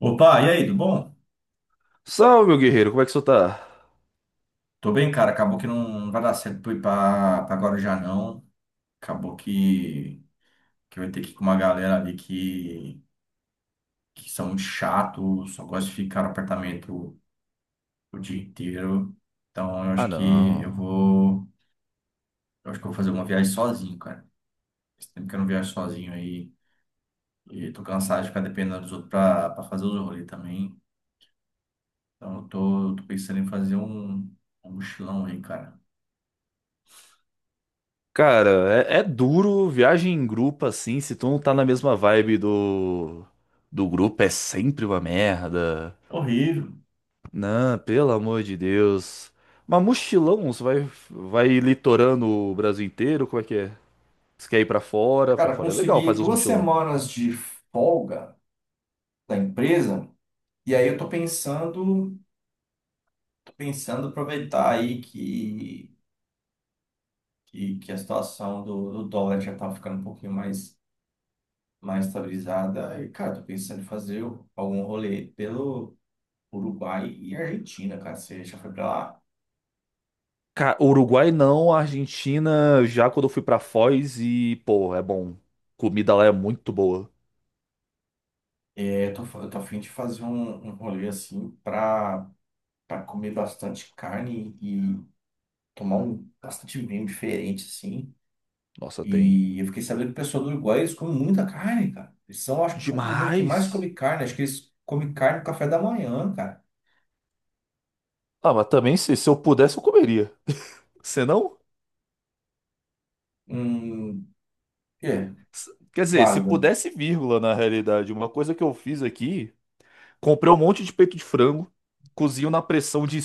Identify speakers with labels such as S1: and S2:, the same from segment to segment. S1: Opa, e aí, tudo bom?
S2: Salve, meu guerreiro, como é que você tá?
S1: Tô bem, cara. Acabou que não vai dar certo pra ir pra Guarujá, não. Acabou que eu vou ter que ir com uma galera ali que são muito chatos, só gosta de ficar no apartamento o dia inteiro. Então,
S2: Ah, não.
S1: eu acho que eu vou fazer uma viagem sozinho, cara. Esse tempo que eu não viajo sozinho aí, e tô cansado de ficar dependendo dos outros pra fazer os rolês também. Então, eu tô pensando em fazer um, um mochilão aí, cara.
S2: Cara, é duro viagem em grupo assim, se tu não tá na mesma vibe do grupo, é sempre uma merda.
S1: Horrível.
S2: Não, pelo amor de Deus. Mas mochilão, você vai litorando o Brasil inteiro, como é que é? Você quer ir pra fora? Pra
S1: Cara,
S2: fora é legal
S1: consegui
S2: fazer uns
S1: duas
S2: mochilão.
S1: semanas de folga da empresa, e aí eu tô pensando aproveitar aí que, que a situação do dólar já tá ficando um pouquinho mais estabilizada. E, cara, tô pensando em fazer algum rolê pelo Uruguai e Argentina, cara. Você já foi pra lá?
S2: Cara, Uruguai não, Argentina já quando eu fui pra Foz e, pô, é bom. Comida lá é muito boa.
S1: É, eu tô a fim de fazer um, um rolê assim pra comer bastante carne e tomar um bastante vinho diferente, assim.
S2: Nossa, tem
S1: E eu fiquei sabendo que o pessoal do Uruguai, eles comem muita carne, cara. Eles são, acho que, o povo do mundo que mais come
S2: demais.
S1: carne. Acho que eles comem carne no café da manhã, cara.
S2: Ah, mas também se eu pudesse, eu comeria. Se não,
S1: Hum, é,
S2: quer dizer, se
S1: válido.
S2: pudesse, vírgula, na realidade. Uma coisa que eu fiz aqui, comprei um monte de peito de frango, cozinho na pressão de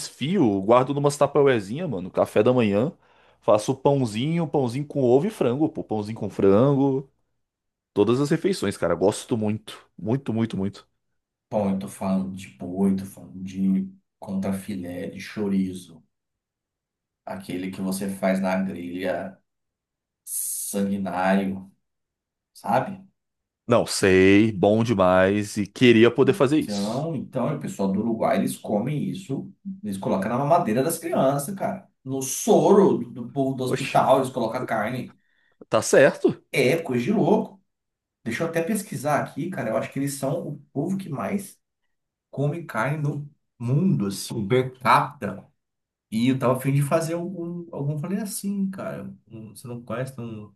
S2: guardo numas tupperwarezinha, mano, café da manhã, faço pãozinho, pãozinho com ovo e frango, pô, pãozinho com frango, todas as refeições, cara, gosto muito, muito, muito, muito.
S1: Bom, eu tô falando de boi, tô falando de contrafilé, de chorizo. Aquele que você faz na grelha sanguinário, sabe?
S2: Não, sei, bom demais e queria poder fazer isso.
S1: Então, o pessoal do Uruguai, eles comem isso. Eles colocam na mamadeira das crianças, cara. No soro do povo do
S2: Oxe,
S1: hospital, eles colocam carne.
S2: tá certo?
S1: É coisa de louco. Deixa eu até pesquisar aqui, cara. Eu acho que eles são o povo que mais come carne no mundo, assim, um per capita. E eu tava a fim de fazer algum rolê assim, cara. Você não conhece tem um,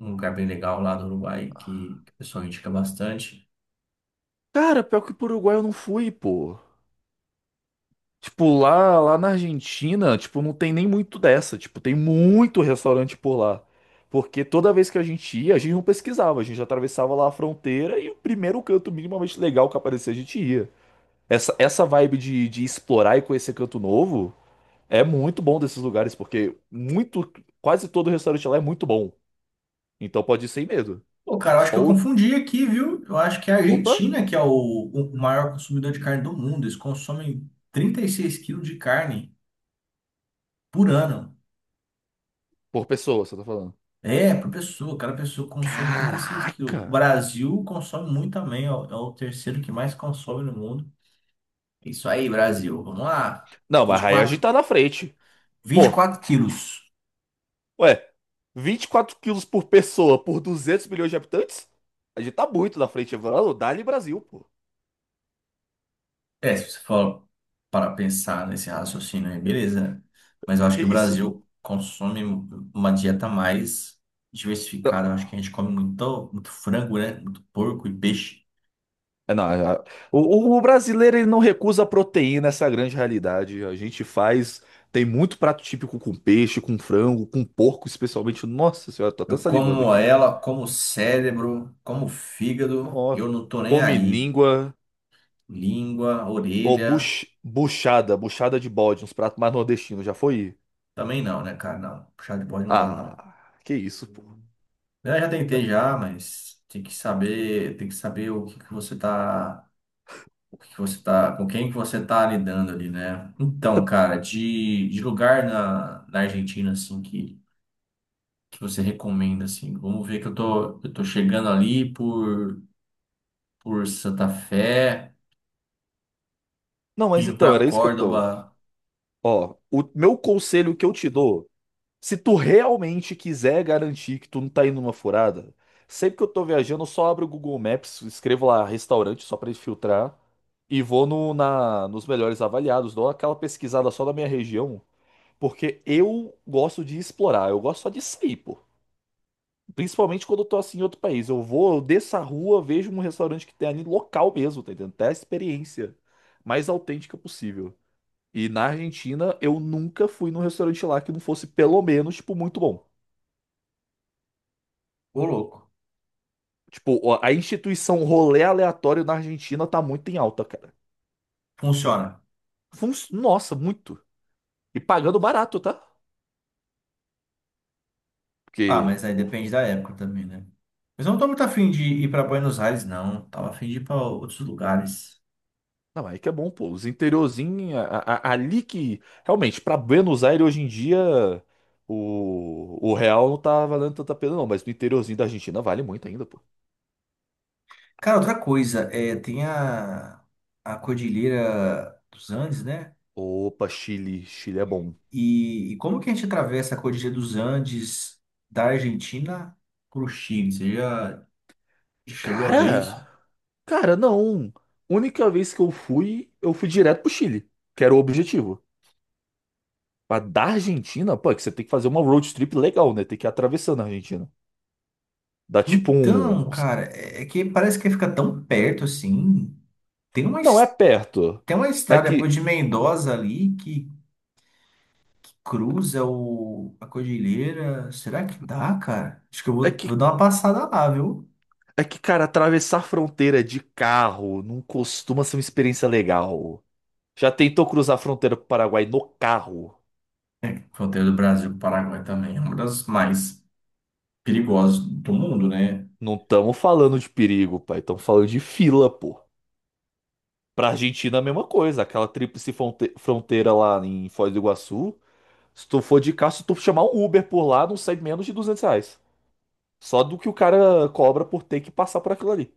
S1: um lugar bem legal lá do Uruguai que o pessoal indica bastante.
S2: Cara, pior que pro Uruguai eu não fui, pô. Tipo, lá na Argentina, tipo, não tem nem muito dessa. Tipo, tem muito restaurante por lá. Porque toda vez que a gente ia, a gente não pesquisava, a gente atravessava lá a fronteira e o primeiro canto minimamente legal que aparecia, a gente ia. Essa vibe de explorar e conhecer canto novo é muito bom desses lugares, porque muito, quase todo restaurante lá é muito bom. Então pode ir sem medo.
S1: Pô, cara, eu acho
S2: Só
S1: que eu
S2: o.
S1: confundi aqui, viu? Eu acho que é a
S2: Opa!
S1: Argentina que é o maior consumidor de carne do mundo. Eles consomem 36 quilos de carne por ano.
S2: Por pessoa, você tá falando.
S1: É, por pessoa, cada pessoa consome 86 quilos. O
S2: Caraca!
S1: Brasil consome muito também, ó, é o terceiro que mais consome no mundo. Isso aí, Brasil. Vamos lá.
S2: Não,
S1: Vinte vinte e
S2: mas aí a gente
S1: quatro,
S2: tá na frente.
S1: vinte e
S2: Pô,
S1: quatro quilos.
S2: ué, 24 quilos por pessoa por 200 milhões de habitantes? A gente tá muito na frente, mano. Dá-lhe Brasil, pô.
S1: É, se você for para pensar nesse raciocínio aí, beleza, né? Mas eu acho
S2: Que
S1: que o
S2: isso, pô.
S1: Brasil consome uma dieta mais
S2: Não,
S1: diversificada. Eu acho que a gente come muito, muito frango, né? Muito porco e peixe.
S2: não, é, o, o brasileiro ele não recusa proteína, essa é a grande realidade. A gente faz. Tem muito prato típico com peixe, com frango, com porco, especialmente. Nossa senhora, tô até
S1: Eu
S2: salivando
S1: como
S2: aqui.
S1: ela, como cérebro, como fígado, e
S2: Nossa,
S1: eu não tô nem
S2: come
S1: aí.
S2: língua.
S1: Língua,
S2: Ou
S1: orelha.
S2: buchada de bode, uns pratos mais nordestinos. Já foi?
S1: Também não, né, cara? Não. Puxar de bode não gosto, não.
S2: Ah, que isso, pô.
S1: Eu já tentei já, mas tem que saber o que que você tá, o que que você tá, com quem que você tá lidando ali, né? Então, cara, de lugar na Argentina, assim, que você recomenda, assim, vamos ver que eu tô chegando ali por Santa Fé,
S2: Não, mas
S1: indo
S2: então,
S1: pra
S2: era isso que eu tô.
S1: Córdoba.
S2: Ó, o meu conselho que eu te dou, se tu realmente quiser garantir que tu não tá indo numa furada, sempre que eu tô viajando, eu só abro o Google Maps, escrevo lá restaurante só pra ele filtrar e vou no, na, nos melhores avaliados, dou aquela pesquisada só da minha região, porque eu gosto de explorar, eu gosto só de sair, pô. Principalmente quando eu tô assim em outro país. Eu vou, eu desço a rua, vejo um restaurante que tem ali local mesmo, tá entendendo? Até a experiência mais autêntica possível. E na Argentina, eu nunca fui num restaurante lá que não fosse, pelo menos, tipo, muito bom.
S1: Ô, louco.
S2: Tipo, ó, a instituição rolê aleatório na Argentina tá muito em alta, cara.
S1: Funciona.
S2: Nossa, muito. E pagando barato, tá?
S1: Ah,
S2: Porque,
S1: mas aí
S2: oh,
S1: depende da época também, né? Mas eu não tô muito afim de ir pra Buenos Aires, não. Tava afim de ir pra outros lugares.
S2: não, aí que é bom, pô. Os interiorzinhos, ali que. Realmente, pra Buenos Aires hoje em dia, o real não tá valendo tanta pena, não. Mas no interiorzinho da Argentina vale muito ainda, pô.
S1: Cara, outra coisa, é, tem a Cordilheira dos Andes, né?
S2: Opa, Chile. Chile é bom.
S1: E como que a gente atravessa a Cordilheira dos Andes da Argentina pro Chile? Você já chegou a ver
S2: Cara,
S1: isso?
S2: cara, não. Única vez que eu fui direto pro Chile, que era o objetivo. Mas da Argentina, pô, é que você tem que fazer uma road trip legal, né? Tem que ir atravessando a Argentina. Dá tipo
S1: Então,
S2: uns.
S1: cara, é que parece que fica tão perto assim. Tem uma,
S2: Não, é
S1: es-
S2: perto.
S1: tem uma
S2: Mas
S1: estrada depois de Mendoza ali que cruza a cordilheira. Será que dá, cara? Acho que eu
S2: é
S1: vou, vou
S2: que,
S1: dar uma passada lá, viu?
S2: é que, cara, atravessar a fronteira de carro não costuma ser uma experiência legal. Já tentou cruzar a fronteira pro Paraguai no carro?
S1: Fronteira do Brasil com o Paraguai também é uma das mais perigosas do mundo, né?
S2: Não estamos falando de perigo, pai. Estamos falando de fila, pô. Pra Argentina, é a mesma coisa. Aquela tríplice fronteira lá em Foz do Iguaçu. Se tu for de carro, se tu chamar um Uber por lá, não sai menos de R$ 200. Só do que o cara cobra por ter que passar por aquilo ali.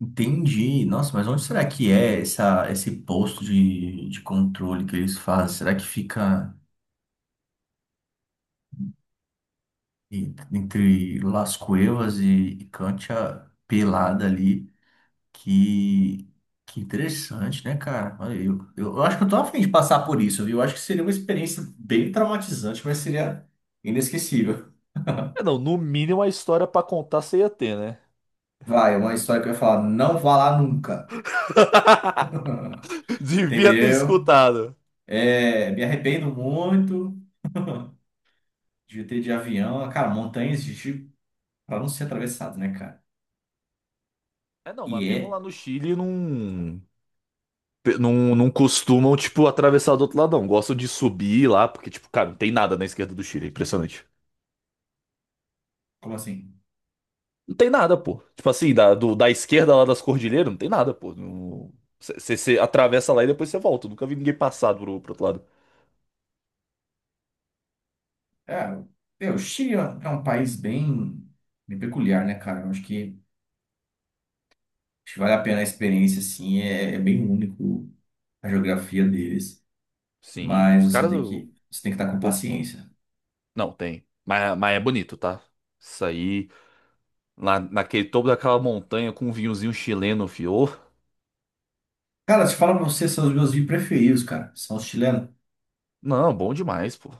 S1: Entendi. Nossa, mas onde será que é esse posto de controle que eles fazem? Será que fica entre Las Cuevas e Cantia Pelada ali? Que, que interessante, né, cara? Olha, eu acho que eu tô a de passar por isso, viu? Eu acho que seria uma experiência bem traumatizante, mas seria inesquecível.
S2: É, não, no mínimo a história pra contar você ia ter, né?
S1: Vai, é uma história que eu ia falar, não vá lá nunca,
S2: Devia ter
S1: entendeu?
S2: escutado.
S1: É, me arrependo muito de ter de avião, cara, montanhas de tipo, pra não ser atravessado, né, cara?
S2: É, não,
S1: E
S2: mas mesmo
S1: é,
S2: lá no Chile não, não costumam, tipo, atravessar do outro lado, não. Gostam de subir lá, porque, tipo, cara, não tem nada na esquerda do Chile. É impressionante.
S1: como assim?
S2: Não tem nada, pô. Tipo assim, da esquerda lá das cordilheiras, não tem nada, pô. Você atravessa lá e depois você volta. Eu nunca vi ninguém passar pro outro lado.
S1: É, meu, o Chile é um país bem peculiar, né, cara? Eu acho que vale a pena a experiência, assim, é bem único a geografia deles,
S2: Sim,
S1: mas
S2: os
S1: você
S2: caras.
S1: tem que, você tem que estar com
S2: O-
S1: paciência.
S2: não, tem. Mas é bonito, tá? Isso aí, lá naquele topo daquela montanha com um vinhozinho chileno, fio.
S1: Cara, se fala pra você, são os meus vinhos preferidos, cara. São os chilenos.
S2: Não, bom demais, pô.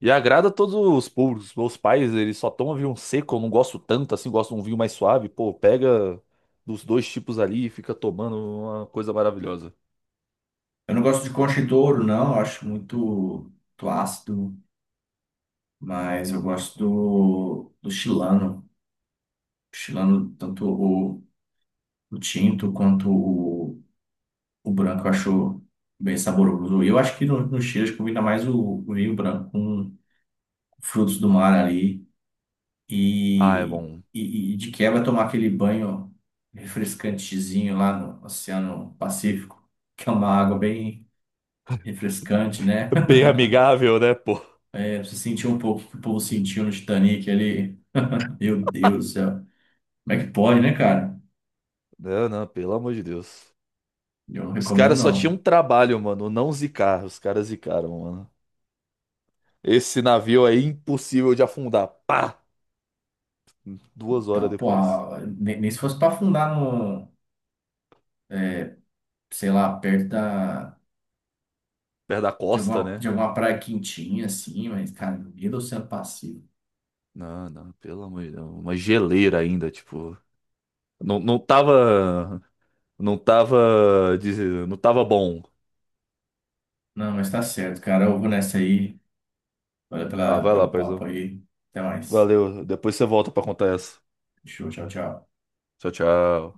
S2: E agrada todos os públicos. Meus pais, eles só tomam vinho seco, eu não gosto tanto assim, gosto de um vinho mais suave. Pô, pega dos dois tipos ali e fica tomando uma coisa maravilhosa.
S1: Eu não gosto de Concha e Douro, não. Eu acho muito, muito ácido, mas eu gosto do chilano. O chilano, tanto o tinto quanto o branco, eu acho bem saboroso. E eu acho que no Chile acho que combina mais o vinho branco com frutos do mar ali
S2: Ah, é
S1: e,
S2: bom.
S1: e de quebra tomar aquele banho refrescantezinho lá no Oceano Pacífico, que é uma água bem refrescante, né?
S2: Bem amigável, né, pô?
S1: É, você sentiu um pouco o que o povo sentiu no Titanic ali. Meu Deus do céu. Como é que pode, né, cara?
S2: Não, não, pelo amor de Deus.
S1: Eu não
S2: Os
S1: recomendo,
S2: caras só tinham um
S1: não.
S2: trabalho, mano, não zicar. Os caras zicaram, mano. Esse navio é impossível de afundar. Pá! 2 horas
S1: Então, pô,
S2: depois.
S1: nem se fosse pra afundar no, sei lá, perto da,
S2: Perto da
S1: de
S2: costa,
S1: alguma, de
S2: né?
S1: alguma praia quentinha, assim, mas, cara, no meio do Oceano Pacífico.
S2: Não, não, pelo amor de Deus. Uma geleira ainda, tipo. Não, não tava. Não tava. Não tava bom.
S1: Não, mas tá certo, cara. Eu vou nessa aí. Valeu
S2: Ah,
S1: pela,
S2: vai lá,
S1: pelo papo
S2: paizão.
S1: aí. Até mais.
S2: Valeu. Depois você volta pra contar essa.
S1: Show, tchau, tchau.
S2: Tchau, tchau.